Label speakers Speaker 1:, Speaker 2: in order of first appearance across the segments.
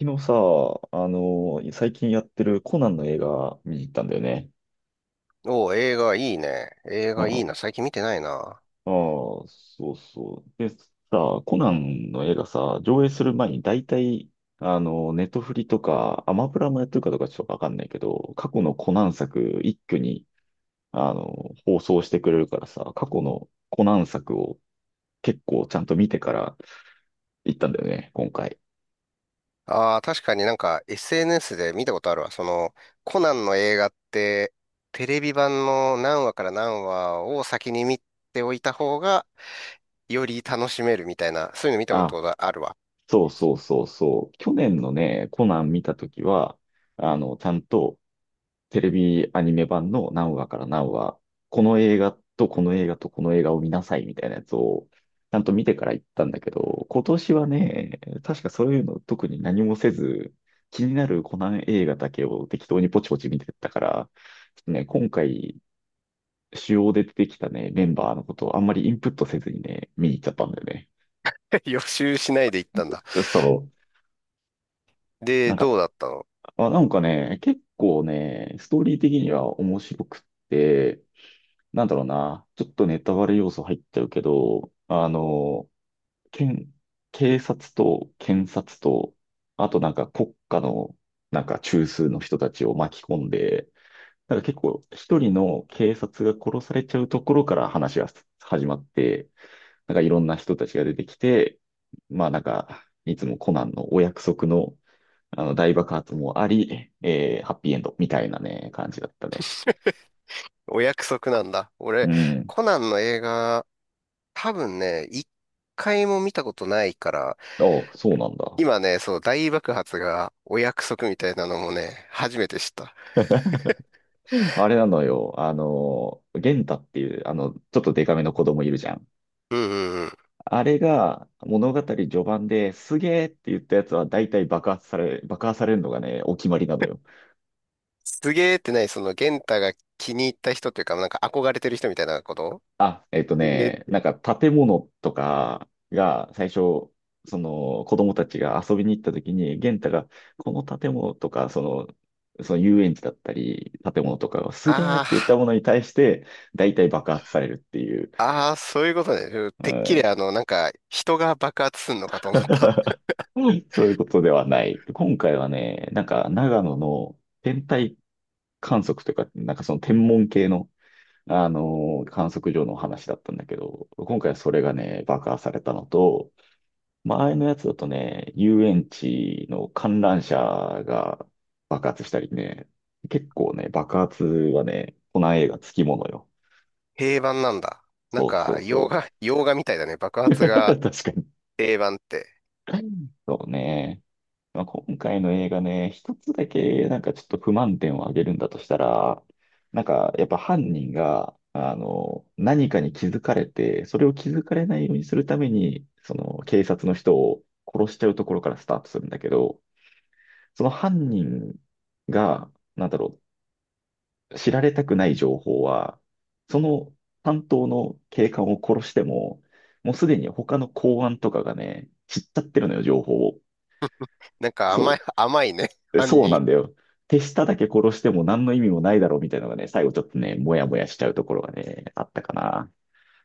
Speaker 1: 昨日さ、最近やってるコナンの映画見に行ったんだよね。
Speaker 2: おー映画いいね。映
Speaker 1: あ
Speaker 2: 画いいな。
Speaker 1: あ、
Speaker 2: 最近見てないな。
Speaker 1: そうそう。でさ、コナンの映画さ、上映する前に大体、ネトフリとか、アマプラもやってるかどうかちょっとわかんないけど、過去のコナン作一挙に、放送してくれるからさ、過去のコナン作を結構ちゃんと見てから行ったんだよね、今回。
Speaker 2: ああ、確かになんか SNS で見たことあるわ。その、コナンの映画って、テレビ版の何話から何話を先に見ておいた方が、より楽しめるみたいな、そういうの見たこ
Speaker 1: あ、
Speaker 2: とがあるわ。
Speaker 1: そうそうそうそう。去年のね、コナン見たときは、ちゃんと、テレビアニメ版の何話から何話、この映画とこの映画とこの映画を見なさいみたいなやつを、ちゃんと見てから行ったんだけど、今年はね、確かそういうの特に何もせず、気になるコナン映画だけを適当にポチポチ見てったから、ちょっとね、今回、主要で出てきたね、メンバーのことをあんまりインプットせずにね、見に行っちゃったんだよ
Speaker 2: 予習しないで行ったんだ。
Speaker 1: ね。そう。な
Speaker 2: で、
Speaker 1: んか、
Speaker 2: どうだったの？
Speaker 1: あ、なんかね、結構ね、ストーリー的には面白くって、なんだろうな、ちょっとネタバレ要素入っちゃうけど、検、警察と検察と、あとなんか国家のなんか中枢の人たちを巻き込んで、なんか結構一人の警察が殺されちゃうところから話が始まって、なんかいろんな人たちが出てきて、まあなんか、いつもコナンのお約束の、あの大爆発もあり、ハッピーエンドみたいなね、感じだったね。
Speaker 2: お約束なんだ。
Speaker 1: う
Speaker 2: 俺、
Speaker 1: ん。
Speaker 2: コナンの映画多分ね、一回も見たことないから、
Speaker 1: あ、そうなんだ。
Speaker 2: 今ね、そう、大爆発がお約束みたいなのもね、初めて知った。
Speaker 1: あれなのよ。あの、元太っていう、あの、ちょっとデカめの子供いるじゃん。
Speaker 2: うんうんうん。
Speaker 1: あれが物語序盤ですげーって言ったやつは大体爆破されるのがね、お決まりなのよ。
Speaker 2: すげーってない、その、元太が気に入った人というか、なんか憧れてる人みたいなこと？
Speaker 1: あ、えっと
Speaker 2: すげ
Speaker 1: ね、
Speaker 2: ー。
Speaker 1: なんか建物とかが最初、その子供たちが遊びに行った時に、元太がこの建物とか、その、その遊園地だったり、建物とかがすげーって
Speaker 2: あ
Speaker 1: 言ったものに対して、大体爆発されるっていう。
Speaker 2: あ、ああ、そういうことね。うんてっきりなんか、人が爆発すんのかと思った。
Speaker 1: そういうことではない。今回はね、なんか長野の天体観測というか、なんかその天文系の、観測所の話だったんだけど、今回はそれがね、爆破されたのと、前のやつだとね、遊園地の観覧車が爆発したりね、結構ね、爆発はね、この映画つきものよ。
Speaker 2: 平板なんだ。なん
Speaker 1: そうそ
Speaker 2: か、
Speaker 1: うそ
Speaker 2: 洋画みたいだね。爆
Speaker 1: う。
Speaker 2: 発が
Speaker 1: 確かに。
Speaker 2: 平板って。
Speaker 1: そうね。まあ、今回の映画ね、一つだけなんかちょっと不満点を挙げるんだとしたら、なんかやっぱ犯人が、あの、何かに気づかれて、それを気づかれないようにするために、その警察の人を殺しちゃうところからスタートするんだけど、その犯人が、なんだろう、知られたくない情報は、その担当の警官を殺しても、もうすでに他の公安とかがね、知っちゃってるのよ、情報を。
Speaker 2: なんか
Speaker 1: そう、
Speaker 2: 甘いね。犯
Speaker 1: そうな
Speaker 2: 人。
Speaker 1: んだよ。手下だけ殺しても何の意味もないだろうみたいなのがね、最後ちょっとね、もやもやしちゃうところがね、あったかな。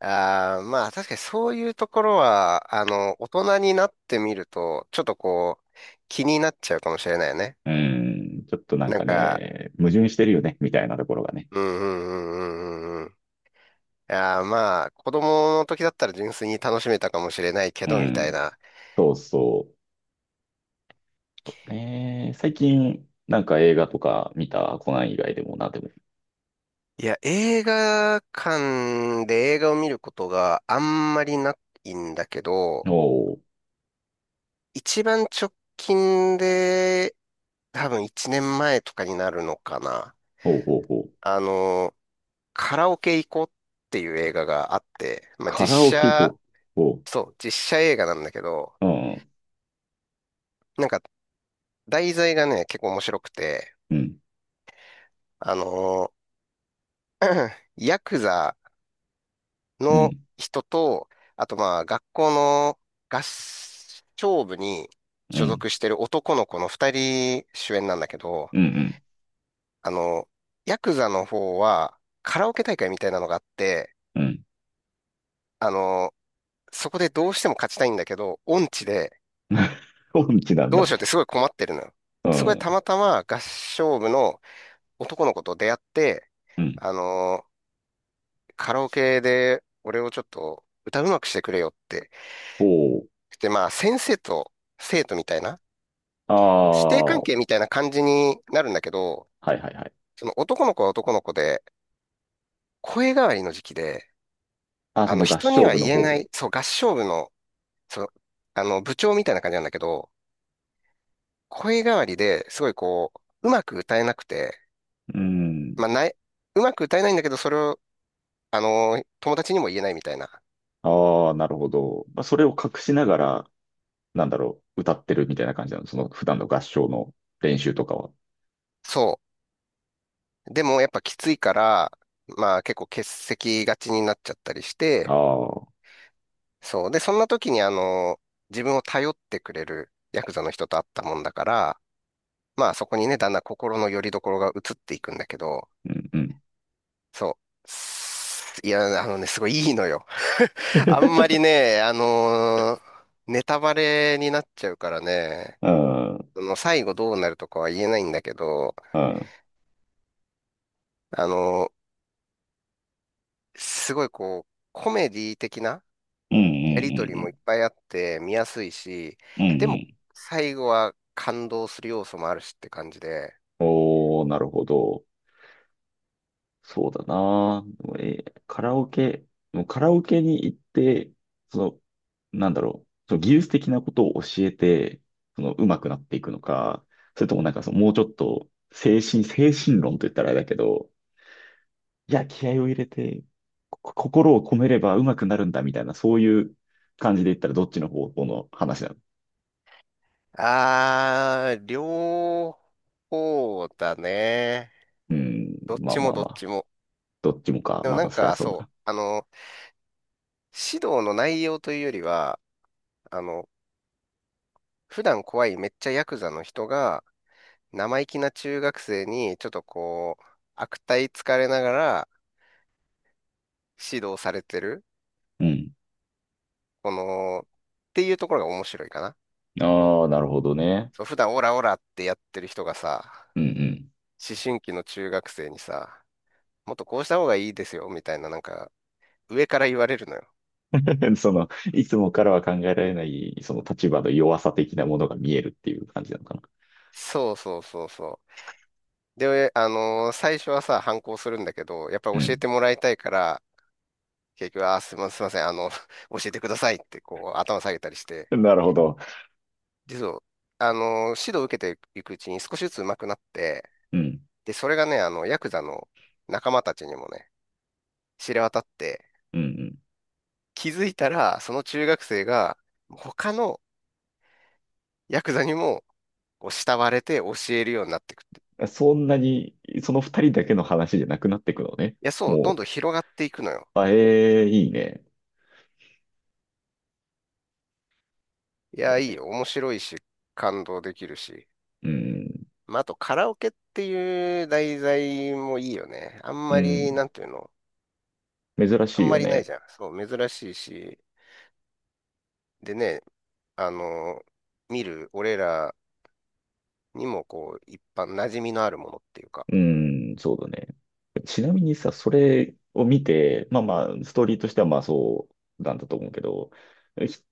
Speaker 2: ああ、まあ確かにそういうところは、あの、大人になってみると、ちょっとこう、気になっちゃうかもしれないよね。
Speaker 1: うん、ちょっとなん
Speaker 2: なん
Speaker 1: か
Speaker 2: か、
Speaker 1: ね、矛盾してるよね、みたいなところがね。
Speaker 2: うんうんうんうんうんうん。いやーまあ、子供の時だったら純粋に楽しめたかもしれないけ
Speaker 1: う
Speaker 2: ど、みたい
Speaker 1: ん、
Speaker 2: な。
Speaker 1: そうそう。そうね、最近、なんか映画とか見たコナン以外でもな、でも。
Speaker 2: いや、映画館で映画を見ることがあんまりないんだけど、
Speaker 1: おお、
Speaker 2: 一番直近で、多分1年前とかになるのかな。
Speaker 1: おうおうおう
Speaker 2: あの、カラオケ行こうっていう映画があって、まあ、
Speaker 1: カラオケ
Speaker 2: 写、
Speaker 1: 行こう。おう、
Speaker 2: そう、実写映画なんだけど、
Speaker 1: うん、
Speaker 2: なんか題材がね、結構面白くて、
Speaker 1: うん、
Speaker 2: あのヤクザ
Speaker 1: う
Speaker 2: の
Speaker 1: ん、
Speaker 2: 人と、あとまあ学校の合唱部に
Speaker 1: う
Speaker 2: 所
Speaker 1: ん、
Speaker 2: 属してる男の子の二人主演なんだけど、
Speaker 1: うん、
Speaker 2: あのヤクザの方はカラオケ大会みたいなのがあって、
Speaker 1: うん。うん。
Speaker 2: あのそこでどうしても勝ちたいんだけど、音痴で、
Speaker 1: 音痴なん
Speaker 2: どう
Speaker 1: だ。
Speaker 2: しようってすごい困ってるのよ。
Speaker 1: う
Speaker 2: そこでた
Speaker 1: ん、
Speaker 2: またま合唱部の男の子と出会って、
Speaker 1: うん。
Speaker 2: あのーカラオケで俺をちょっと歌うまくしてくれよって。
Speaker 1: おう。
Speaker 2: で、まあ先生と生徒みたいな、師弟
Speaker 1: あ
Speaker 2: 関
Speaker 1: あ、
Speaker 2: 係みたいな感じになるんだけど、
Speaker 1: はいはいはい。
Speaker 2: その男の子は男の子で、声変わりの時期で、
Speaker 1: あ、
Speaker 2: あ
Speaker 1: そ
Speaker 2: の
Speaker 1: の合
Speaker 2: 人に
Speaker 1: 唱
Speaker 2: は
Speaker 1: 部の
Speaker 2: 言えな
Speaker 1: 方。
Speaker 2: い、そう合唱部の、そう、あの部長みたいな感じなんだけど、声変わりですごいこう、うまく歌えなくて、
Speaker 1: うん。
Speaker 2: まあ、ない、うまく歌えないんだけど、それを、友達にも言えないみたいな。
Speaker 1: ああ、なるほど。まあ、それを隠しながら、なんだろう、歌ってるみたいな感じなの。その普段の合唱の練習とかは。
Speaker 2: そう。でも、やっぱきついから、まあ、結構欠席がちになっちゃったりし
Speaker 1: あ
Speaker 2: て、
Speaker 1: あ、
Speaker 2: そう。で、そんな時に、自分を頼ってくれるヤクザの人と会ったもんだから、まあ、そこにね、だんだん心の拠り所が移っていくんだけど、
Speaker 1: うんうん。
Speaker 2: そう。すいや、あのね、すごいいいのよ。あんま りね、ネタバレになっちゃうからね、
Speaker 1: うん。うん。
Speaker 2: その最後どうなるとかは言えないんだけど、
Speaker 1: うん。
Speaker 2: あの、すごいこう、コメディ的な
Speaker 1: うん。う
Speaker 2: やりとりもいっ
Speaker 1: ん。
Speaker 2: ぱいあって見やすいし、
Speaker 1: うん。う
Speaker 2: でも
Speaker 1: ん。
Speaker 2: 最後は感動する要素もあるしって感じで、
Speaker 1: おー、なるほど。そうだな。でもカラオケ、もうカラオケに行って、その、なんだろう、その技術的なことを教えて、その、上手くなっていくのか、それともなんかその、もうちょっと、精神論と言ったらあれだけど、いや、気合を入れて、心を込めれば上手くなるんだみたいな、そういう感じで言ったらどっちの方向の話なの？
Speaker 2: あー、両方だね。
Speaker 1: うん、
Speaker 2: どっ
Speaker 1: まあ
Speaker 2: ち
Speaker 1: ま
Speaker 2: も
Speaker 1: あ
Speaker 2: どっ
Speaker 1: まあ。
Speaker 2: ちも。
Speaker 1: どっちもか。
Speaker 2: でも
Speaker 1: ま
Speaker 2: なん
Speaker 1: たそれは
Speaker 2: か
Speaker 1: そう
Speaker 2: そう、
Speaker 1: だ。
Speaker 2: あの、指導の内容というよりは、あの、普段怖いめっちゃヤクザの人が生意気な中学生にちょっとこう、悪態つかれながら指導されてる。
Speaker 1: うん。
Speaker 2: この、っていうところが面白いかな。
Speaker 1: ああ、なるほどね。
Speaker 2: そう、普段オラオラってやってる人がさ、
Speaker 1: うんうん。
Speaker 2: 思春期の中学生にさ、もっとこうした方がいいですよ、みたいな、なんか、上から言われるのよ。
Speaker 1: その、いつもからは考えられない、その立場の弱さ的なものが見えるっていう感じなのかな。
Speaker 2: そうそうそうそう。で、最初はさ、反抗するんだけど、やっぱ
Speaker 1: う
Speaker 2: り教え
Speaker 1: ん。
Speaker 2: てもらいたいから、結局、あー、すいません、あの、教えてくださいって、こう、頭下げたりして、
Speaker 1: なるほど。
Speaker 2: で、そう、あの指導を受けていくうちに少しずつ上手くなって、
Speaker 1: うん。
Speaker 2: で、それがね、あの、ヤクザの仲間たちにもね、知れ渡って、
Speaker 1: うん
Speaker 2: 気づいたら、その中学生が、他のヤクザにも、こう、慕われて教えるようになってくって。い
Speaker 1: うん。そんなに、その二人だけの話じゃなくなっていくのね。
Speaker 2: や、そう、どん
Speaker 1: も
Speaker 2: どん広がっていくのよ。
Speaker 1: う、あ、ええいいね。
Speaker 2: い
Speaker 1: そ
Speaker 2: や、
Speaker 1: う
Speaker 2: いい
Speaker 1: ね。
Speaker 2: よ、面白いし。感動できるし。
Speaker 1: うん。
Speaker 2: まあ、あと、カラオケっていう題材もいいよね。あん
Speaker 1: う
Speaker 2: まり、
Speaker 1: ん。
Speaker 2: なんていうの、
Speaker 1: 珍
Speaker 2: あ
Speaker 1: しい
Speaker 2: んま
Speaker 1: よ
Speaker 2: りない
Speaker 1: ね。
Speaker 2: じゃん。そう、珍しいし。でね、あの、見る俺らにも、こう、一般馴染みのあるものっていうか。
Speaker 1: うん、そうだね。ちなみにさ、それを見て、まあまあ、ストーリーとしてはまあそうなんだと思うけど、ひ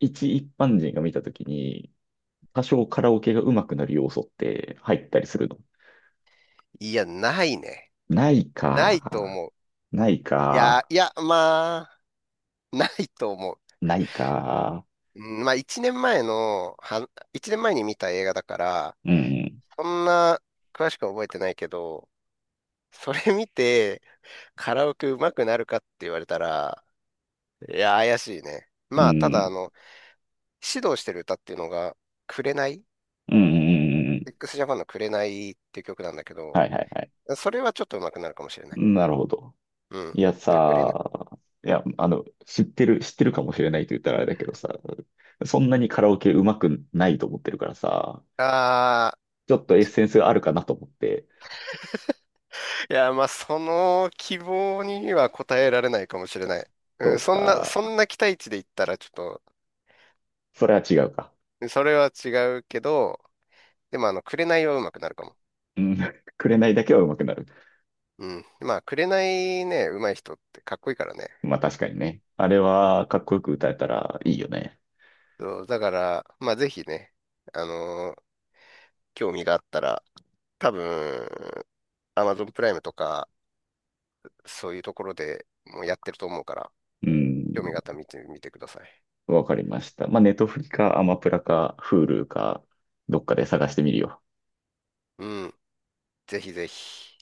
Speaker 1: 一般人が見たときに、多少カラオケが上手くなる要素って入ったりするの？
Speaker 2: いや、ないね。
Speaker 1: ない
Speaker 2: ないと
Speaker 1: か。
Speaker 2: 思う。
Speaker 1: ない
Speaker 2: い
Speaker 1: か。
Speaker 2: や、いや、まあ、ないと思う。
Speaker 1: ないか。
Speaker 2: うんまあ、1年前に見た映画だから、
Speaker 1: うん。
Speaker 2: そんな詳しくは覚えてないけど、それ見てカラオケ上手くなるかって言われたら、いや、怪しいね。
Speaker 1: う
Speaker 2: まあ、ただ、あ
Speaker 1: ん。
Speaker 2: の、指導してる歌っていうのが、紅
Speaker 1: うん。うん。うん。
Speaker 2: ?XJAPAN の紅っていう曲なんだけど、
Speaker 1: はいはいはい。
Speaker 2: それはちょっと上手くなるかもしれない。
Speaker 1: なるほど。
Speaker 2: うん。
Speaker 1: いや
Speaker 2: だから紅、
Speaker 1: さ、いや、あの、知ってるかもしれないと言ったらあれだけどさ、そんなにカラオケ上手くないと思ってるからさ、
Speaker 2: ああ、
Speaker 1: ちょっとエッセンスがあるかなと思って、
Speaker 2: いや、まあ、その希望には応えられないかもしれない。う
Speaker 1: そ
Speaker 2: ん、
Speaker 1: うか。
Speaker 2: そんな期待値で言ったら、ちょっと
Speaker 1: それは違うか。
Speaker 2: それは違うけど、でもあの、紅は上手くなるかも。
Speaker 1: うん。紅だけは上手くなる。
Speaker 2: うん。まあ、紅ね、上手い人ってかっこいいからね。
Speaker 1: まあ確かにね。あれはかっこよく歌えたらいいよね。
Speaker 2: そう、だから、まあ、ぜひね、あのー興味があったら、多分、Amazon プライムとか、そういうところでもうやってると思うから、
Speaker 1: うん、
Speaker 2: 興味があったら見てみてください。
Speaker 1: わかりました。まあ、ネトフリか、アマプラか、フールか、どっかで探してみるよ。
Speaker 2: うん。ぜひぜひ。